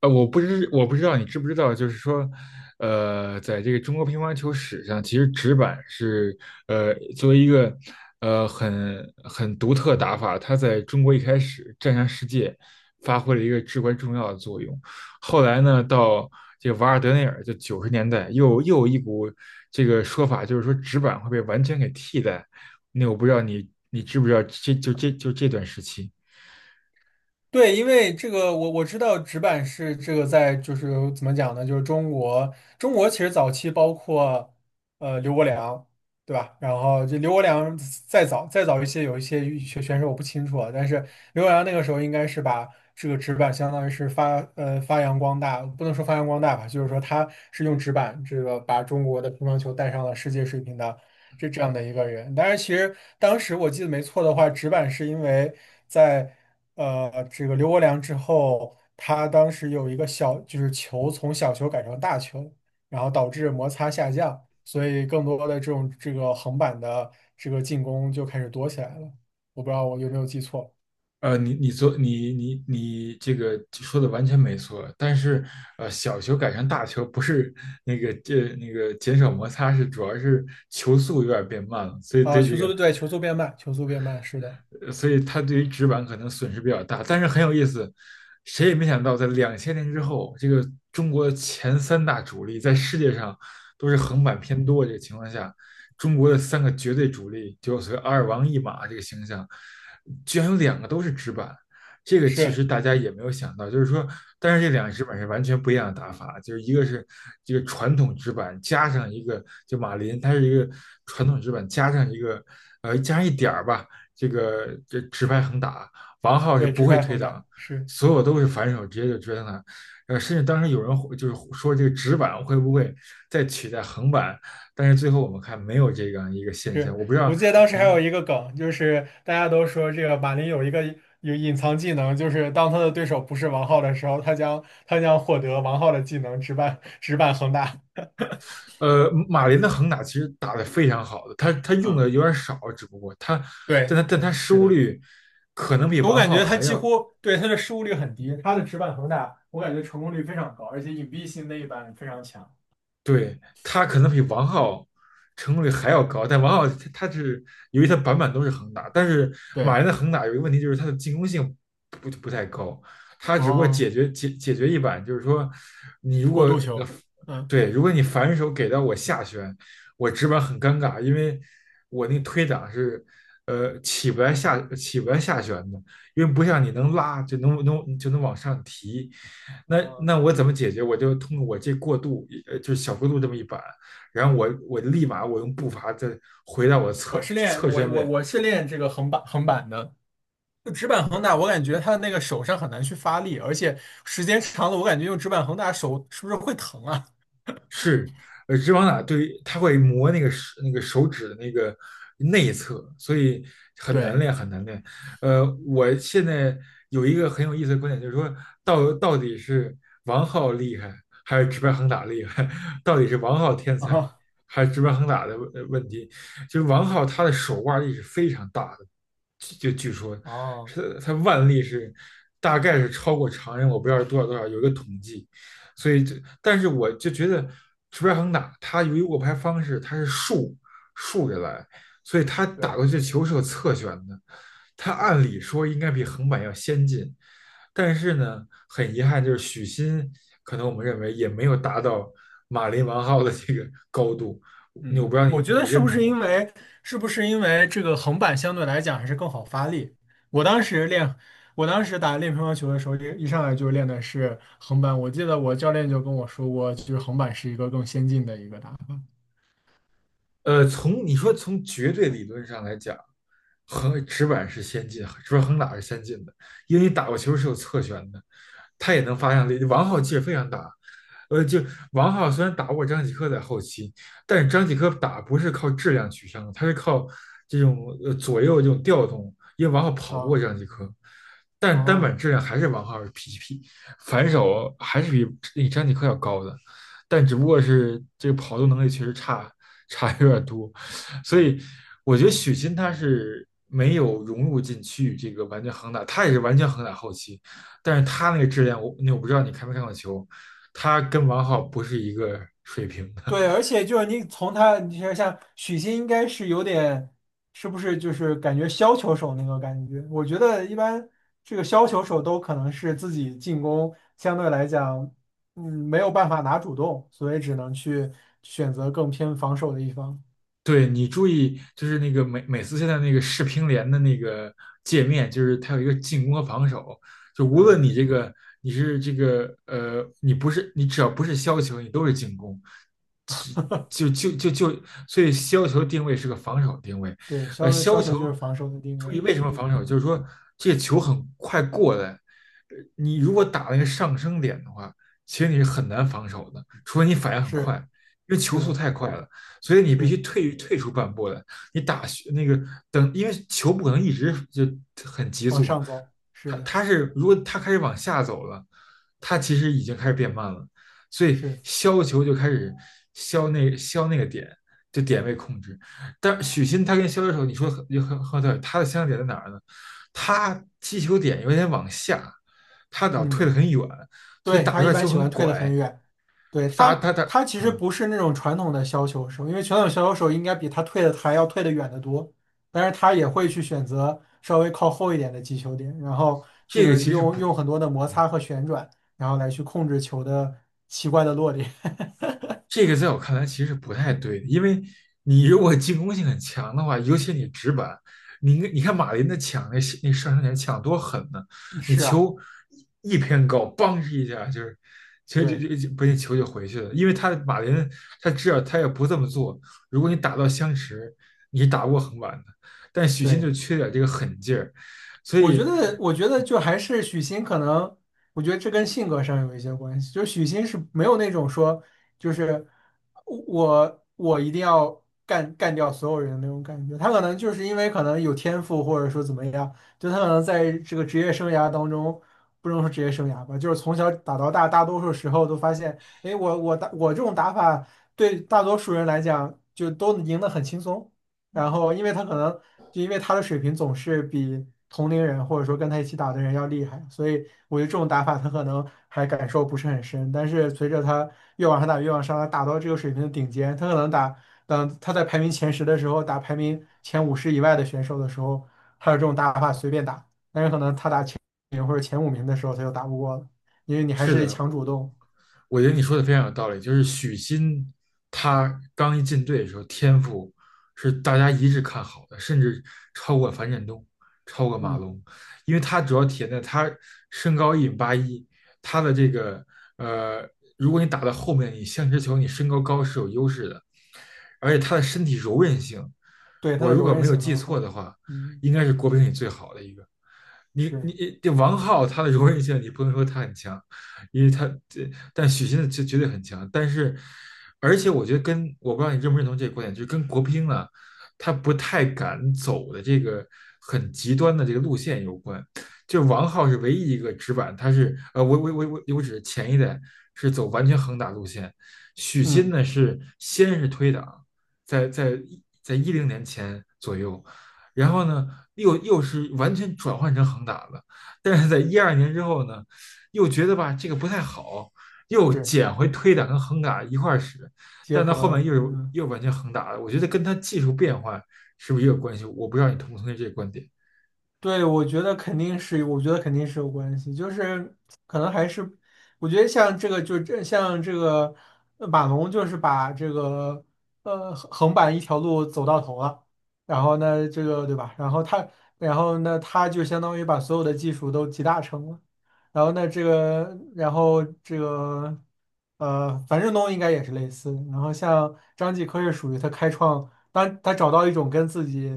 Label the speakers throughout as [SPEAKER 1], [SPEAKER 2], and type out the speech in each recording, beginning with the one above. [SPEAKER 1] 我不知道你知不知道，就是说，在这个中国乒乓球史上，其实直板是作为一个很独特打法，它在中国一开始战上世界发挥了一个至关重要的作用。后来呢，到这个瓦尔德内尔，就90年代又有一股这个说法，就是说直板会被完全给替代。那我不知道你知不知道这段时期。
[SPEAKER 2] 对，因为这个我知道纸板是这个在就是怎么讲呢？就是中国其实早期包括刘国梁，对吧？然后这刘国梁再早再早一些有一些羽选选手我不清楚啊，但是刘国梁那个时候应该是把这个纸板相当于是发扬光大，不能说发扬光大吧，就是说他是用纸板这个把中国的乒乓球带上了世界水平的是这样的一个人。但是其实当时我记得没错的话，直板是因为在这个刘国梁之后，他当时有一个就是球从小球改成大球，然后导致摩擦下降，所以更多的这种这个横板的这个进攻就开始多起来了。我不知道我有没有记错。
[SPEAKER 1] 你你做你你你这个说的完全没错，但是小球改成大球不是那个这、那个减少摩擦，主要是球速有点变慢了，所以
[SPEAKER 2] 啊？球速对，球速变慢，球速变慢，是的。
[SPEAKER 1] 它对于纸板可能损失比较大。但是很有意思，谁也没想到，在2000年之后，这个中国前三大主力在世界上都是横版偏多这个情况下，中国的三个绝对主力，就有所谓阿尔王一马这个形象，居然有两个都是纸板。这个其
[SPEAKER 2] 是。
[SPEAKER 1] 实大家也没有想到，就是说，但是这两个纸板是完全不一样的打法，就是一个是这个传统纸板加上一个，就马林，它是一个传统纸板加上一个，加上一点儿吧，这个这直拍横打，王浩是
[SPEAKER 2] 对，
[SPEAKER 1] 不
[SPEAKER 2] 直
[SPEAKER 1] 会
[SPEAKER 2] 拍
[SPEAKER 1] 推
[SPEAKER 2] 横打
[SPEAKER 1] 挡，
[SPEAKER 2] 是。
[SPEAKER 1] 所有都是反手直接就追上他。甚至当时有人会就是说这个直板会不会再取代横板，但是最后我们看没有这样一个现象。
[SPEAKER 2] 是，
[SPEAKER 1] 我不知
[SPEAKER 2] 我
[SPEAKER 1] 道
[SPEAKER 2] 记得当时还有
[SPEAKER 1] 您，
[SPEAKER 2] 一个梗，就是大家都说这个马林有一个有隐藏技能，就是当他的对手不是王浩的时候，他将获得王浩的技能直板直板恒大。
[SPEAKER 1] 马林的横打其实打得非常好的，他用
[SPEAKER 2] 啊，
[SPEAKER 1] 的有点少，只不过他，但
[SPEAKER 2] 对，
[SPEAKER 1] 他但他失
[SPEAKER 2] 是
[SPEAKER 1] 误
[SPEAKER 2] 的，
[SPEAKER 1] 率可能比
[SPEAKER 2] 我
[SPEAKER 1] 王
[SPEAKER 2] 感
[SPEAKER 1] 浩
[SPEAKER 2] 觉他
[SPEAKER 1] 还
[SPEAKER 2] 几
[SPEAKER 1] 要
[SPEAKER 2] 乎，对，他的失误率很低，他的直板恒大，我感觉成功率非常高，而且隐蔽性那一板非常强。
[SPEAKER 1] 对，他可能比王浩成功率还要高，但王浩他是由于他板板都是横打，但是马
[SPEAKER 2] 对，
[SPEAKER 1] 云的横打有一个问题就是他的进攻性不太高，他只不过
[SPEAKER 2] 哦，
[SPEAKER 1] 解决一板，就是说你如果
[SPEAKER 2] 过渡
[SPEAKER 1] 呃
[SPEAKER 2] 球，嗯。
[SPEAKER 1] 对，如果你反手给到我下旋，我直板很尴尬，因为我那个推挡是起不来下旋的，因为不像你能拉就能就能往上提，那
[SPEAKER 2] 嗯，
[SPEAKER 1] 那我怎么解决？我就通过我这过渡，就是小过渡这么一板，然后我立马我用步伐再回到我
[SPEAKER 2] 我
[SPEAKER 1] 侧
[SPEAKER 2] 是练
[SPEAKER 1] 侧
[SPEAKER 2] 我
[SPEAKER 1] 身
[SPEAKER 2] 我
[SPEAKER 1] 位。
[SPEAKER 2] 我是练这个横板的，就直板横打，我感觉他的那个手上很难去发力，而且时间长了，我感觉用直板横打手是不是会疼啊？
[SPEAKER 1] 是，直往打对于它会磨手指的那个内侧，所以很难
[SPEAKER 2] 对
[SPEAKER 1] 练，很难练。我现在有一个很有意思的观点，就是说到底是王浩厉害还是直白横打厉害？到底是王浩天 才
[SPEAKER 2] 啊，
[SPEAKER 1] 还是直白横打的问题？就是王浩他的手腕力是非常大的，就据说
[SPEAKER 2] 哦，
[SPEAKER 1] 是他腕力是大概是超过常人，我不知道是多少多少，有一个统计。所以就，但是我就觉得石标恒打他由于握拍方式他是竖着来，所以他打
[SPEAKER 2] 对，
[SPEAKER 1] 过去的球是有侧旋的，他按理说应该比横板要先进，但是呢，很遗憾就是许昕可能我们认为也没有达到马林王皓的这个高度，我不知
[SPEAKER 2] 嗯，
[SPEAKER 1] 道你
[SPEAKER 2] 我觉
[SPEAKER 1] 你
[SPEAKER 2] 得是
[SPEAKER 1] 认
[SPEAKER 2] 不是
[SPEAKER 1] 同。
[SPEAKER 2] 因为是不是因为这个横板相对来讲还是更好发力？我当时练，我当时练乒乓球的时候，一上来就练的是横板。我记得我教练就跟我说过，就是横板是一个更先进的一个打法。
[SPEAKER 1] 从你说从绝对理论上来讲，横直板是先进，直板横打是先进的，因为你打过球是有侧旋的，他也能发向力。王皓其实非常大，就王皓虽然打不过张继科在后期，但是张继科打不是靠质量取胜的，他是靠这种左右这种调动，因为王皓跑不过
[SPEAKER 2] 啊，
[SPEAKER 1] 张继科，但是单板
[SPEAKER 2] 哦，
[SPEAKER 1] 质量还是王皓 GP，反手还是比张继科要高的。但只不过是这个跑动能力确实差有点多，所以我觉得许昕他是没有融入进去这个完全横打，他也是完全横打后期，但是他那个质量我不知道你看没看过球，他跟王皓不是一个水平的。
[SPEAKER 2] 对，而且就是你从他，你像许昕应该是有点，是不是就是感觉削球手那个感觉？我觉得一般这个削球手都可能是自己进攻相对来讲，没有办法拿主动，所以只能去选择更偏防守的一方。
[SPEAKER 1] 对，你注意，就是那个美斯现在那个世乒联的那个界面，就是它有一个进攻和防守，就无
[SPEAKER 2] 嗯，
[SPEAKER 1] 论你这个你是这个呃，你不是你只要不是削球，你都是进攻，只就就就就，所以削球定位是个防守定位。
[SPEAKER 2] 对，削
[SPEAKER 1] 削球
[SPEAKER 2] 球就是防守的定
[SPEAKER 1] 注
[SPEAKER 2] 位。
[SPEAKER 1] 意为什么
[SPEAKER 2] 嗯，
[SPEAKER 1] 防守，就是说这个球很快过来，你如果打那个上升点的话，其实你是很难防守的，除非你反应很快，
[SPEAKER 2] 是
[SPEAKER 1] 因为球
[SPEAKER 2] 是
[SPEAKER 1] 速
[SPEAKER 2] 的，
[SPEAKER 1] 太快了。所以你必
[SPEAKER 2] 是，
[SPEAKER 1] 须退出半步来，你打那个等，因为球不可能一直就很急
[SPEAKER 2] 往
[SPEAKER 1] 速，
[SPEAKER 2] 上走，是
[SPEAKER 1] 它
[SPEAKER 2] 的。
[SPEAKER 1] 它是如果它开始往下走了，它其实已经开始变慢了，所以
[SPEAKER 2] 是。
[SPEAKER 1] 削球就开始削那个点，就点位控制。但许昕他跟削球手，你说很很很对，他的相像点在哪儿呢？他击球点有点往下，他老退得
[SPEAKER 2] 嗯。
[SPEAKER 1] 很远，所以
[SPEAKER 2] 对，
[SPEAKER 1] 打出
[SPEAKER 2] 他一
[SPEAKER 1] 来
[SPEAKER 2] 般
[SPEAKER 1] 球
[SPEAKER 2] 喜欢
[SPEAKER 1] 很
[SPEAKER 2] 退得很
[SPEAKER 1] 拐，
[SPEAKER 2] 远，对
[SPEAKER 1] 他打
[SPEAKER 2] 他，
[SPEAKER 1] 他打
[SPEAKER 2] 他其实
[SPEAKER 1] 嗯，
[SPEAKER 2] 不是那种传统的削球手，因为传统削球手应该比他退的还要退的远得多，但是他也会去选择稍微靠后一点的击球点，然后这
[SPEAKER 1] 这个
[SPEAKER 2] 个
[SPEAKER 1] 其实
[SPEAKER 2] 用
[SPEAKER 1] 不
[SPEAKER 2] 用很多的摩
[SPEAKER 1] 嗯。
[SPEAKER 2] 擦和旋转，然后来去控制球的奇怪的落点。
[SPEAKER 1] 这个在我看来其实不太对的，因为你如果进攻性很强的话，尤其你直板，你应该你看马林的抢，那上升点抢多狠呢，你
[SPEAKER 2] 是啊，
[SPEAKER 1] 球一偏高，梆一下就是，其实就
[SPEAKER 2] 对
[SPEAKER 1] 就就不，那球就回去了，因为他马林他知道他也不这么做，如果你打到相持，你打不过横板的，但许昕就
[SPEAKER 2] 对。
[SPEAKER 1] 缺点这个狠劲儿，所
[SPEAKER 2] 我觉
[SPEAKER 1] 以。
[SPEAKER 2] 得，我觉得就还是许昕可能，我觉得这跟性格上有一些关系。就许昕是没有那种说，就是我一定要干掉所有人的那种感觉。他可能就是因为可能有天赋，或者说怎么样，就他可能在这个职业生涯当中，不能说职业生涯吧，就是从小打到大，大多数时候都发现，哎，我打我这种打法对大多数人来讲就都赢得很轻松。然后因为他可能就因为他的水平总是比同龄人或者说跟他一起打的人要厉害，所以我觉得这种打法他可能还感受不是很深。但是随着他越往上打，越往上打，打到这个水平的顶尖，他可能打，等他在排名前十的时候打排名前五十以外的选手的时候，还有这种打法随便打，但是可能他打前名或者前五名的时候他就打不过了，因为你还
[SPEAKER 1] 是
[SPEAKER 2] 是得
[SPEAKER 1] 的，
[SPEAKER 2] 强主
[SPEAKER 1] 我
[SPEAKER 2] 动。
[SPEAKER 1] 我觉得你说的非常有道理。就是许昕，他刚一进队的时候，天赋是大家一致看好的，甚至超过樊振东，超过马
[SPEAKER 2] 嗯，
[SPEAKER 1] 龙，因为他主要体现在他身高1米81，他的这个呃，如果你打到后面，你像直球，你身高高是有优势的，而且他的身体柔韧性，
[SPEAKER 2] 对，他
[SPEAKER 1] 我
[SPEAKER 2] 的
[SPEAKER 1] 如
[SPEAKER 2] 柔
[SPEAKER 1] 果
[SPEAKER 2] 韧
[SPEAKER 1] 没有
[SPEAKER 2] 性
[SPEAKER 1] 记
[SPEAKER 2] 很
[SPEAKER 1] 错
[SPEAKER 2] 好。
[SPEAKER 1] 的话，
[SPEAKER 2] 嗯，
[SPEAKER 1] 应该是国乒里最好的一个。你
[SPEAKER 2] 是。
[SPEAKER 1] 你这王浩他的柔韧性，你不能说他很强，因为他这，但许昕的绝对很强。但是，而且我觉得跟，我不知道你认不认同这个观点，就是跟国乒啊，他不太敢走的这个很极端的这个路线有关。就王浩是唯一一个直板，他是我指前一代是走完全横打路线，许昕
[SPEAKER 2] 嗯，
[SPEAKER 1] 呢是先是推挡，在在在2010年前左右，然后呢又是完全转换成横打的，但是在2012年之后呢，又觉得吧这个不太好，又
[SPEAKER 2] 是
[SPEAKER 1] 捡回推打跟横打一块儿使，
[SPEAKER 2] 结
[SPEAKER 1] 但到
[SPEAKER 2] 合
[SPEAKER 1] 后面
[SPEAKER 2] 了，
[SPEAKER 1] 又是
[SPEAKER 2] 嗯。
[SPEAKER 1] 又完全横打了，我觉得跟他技术变换是不是也有关系？我不知道你同不同意这个观点。
[SPEAKER 2] 对，我觉得肯定是有关系，就是可能还是，我觉得像这个，马龙，就是把这个横版一条路走到头了，然后呢，这个对吧？然后他，然后呢，他就相当于把所有的技术都集大成了。然后那这个，然后这个，樊振东应该也是类似。然后像张继科是属于他开创，当他找到一种跟自己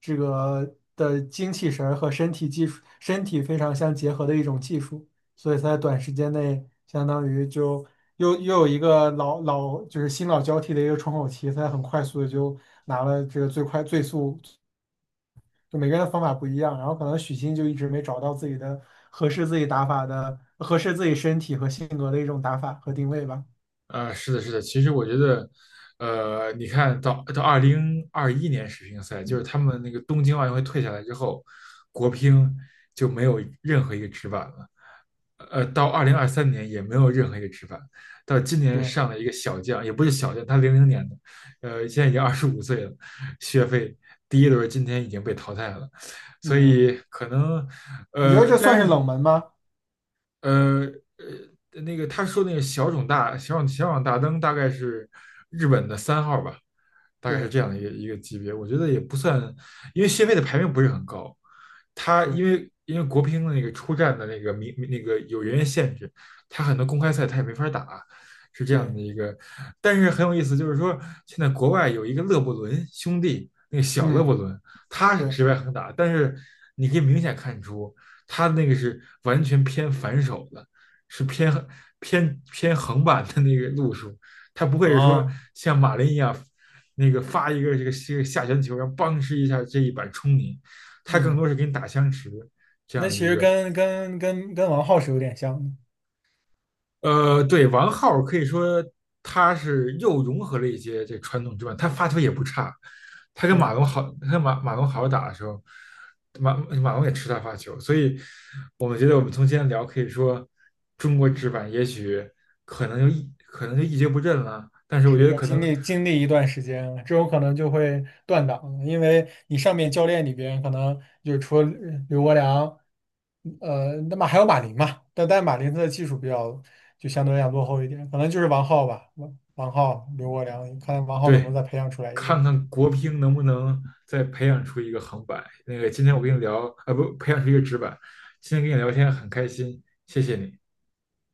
[SPEAKER 2] 这个的精气神儿和身体技术、身体非常相结合的一种技术，所以他在短时间内相当于就又有一个就是新老交替的一个窗口期，他很快速的就拿了这个最快最速。就每个人的方法不一样，然后可能许昕就一直没找到自己的合适自己打法的、合适自己身体和性格的一种打法和定位吧。
[SPEAKER 1] 啊，是的，是的，其实我觉得，你看到2021年世乒赛，就是他们那个东京奥运会退下来之后，国乒就没有任何一个直板了。到2023年也没有任何一个直板，到今年
[SPEAKER 2] 是，
[SPEAKER 1] 上了一个小将，也不是小将，他00年的，现在已经25岁了，学费第一轮今天已经被淘汰了，所
[SPEAKER 2] 嗯，
[SPEAKER 1] 以可能，
[SPEAKER 2] 你觉得这
[SPEAKER 1] 但
[SPEAKER 2] 算
[SPEAKER 1] 是
[SPEAKER 2] 是冷门吗？
[SPEAKER 1] 呃那个他说那个小种大灯大概是日本的3号吧，大概是
[SPEAKER 2] 对，
[SPEAKER 1] 这样的一个一个级别。我觉得也不算，因为谢飞的排名不是很高，他因
[SPEAKER 2] 是，
[SPEAKER 1] 为因为国乒的那个出战的那个名那个有人员限制，他很多公开赛他也没法打，是这样的
[SPEAKER 2] 对，
[SPEAKER 1] 一个。但是很有意思，就是说现在国外有一个勒布伦兄弟，那个小勒
[SPEAKER 2] 嗯，
[SPEAKER 1] 布伦，他是
[SPEAKER 2] 对，
[SPEAKER 1] 直白横打，但是你可以明显看出。他那个是完全偏反手的，是偏横版的那个路数，他不会是说
[SPEAKER 2] 啊，
[SPEAKER 1] 像马林一样，那个发一个这个下旋球，然后邦哧一下这一板冲你，他更多
[SPEAKER 2] 嗯。
[SPEAKER 1] 是给你打相持这样
[SPEAKER 2] 那
[SPEAKER 1] 的
[SPEAKER 2] 其
[SPEAKER 1] 一
[SPEAKER 2] 实
[SPEAKER 1] 个。
[SPEAKER 2] 跟王浩是有点像的，
[SPEAKER 1] 对，王浩可以说他是又融合了一些这传统之外，他发球也不差。他跟马
[SPEAKER 2] 对。
[SPEAKER 1] 龙好，他跟马龙好好打的时候，马龙也吃他发球，所以我们觉得我们从今天聊，可以说中国直板也许可能就一蹶不振了，但是我觉
[SPEAKER 2] 是
[SPEAKER 1] 得
[SPEAKER 2] 要
[SPEAKER 1] 可
[SPEAKER 2] 经
[SPEAKER 1] 能。
[SPEAKER 2] 历经历一段时间，这种可能就会断档，因为你上面教练里边可能就除了刘国梁，那么还有马林嘛，但马林他的技术比较就相对来讲落后一点，可能就是王皓吧，王皓、刘国梁，看王皓能不能
[SPEAKER 1] 对，
[SPEAKER 2] 再培养出来一个。
[SPEAKER 1] 看看国乒能不能再培养出一个横板。那个今天我跟你
[SPEAKER 2] 嗯。
[SPEAKER 1] 聊，啊不，培养出一个直板。今天跟你聊天很开心，谢谢你。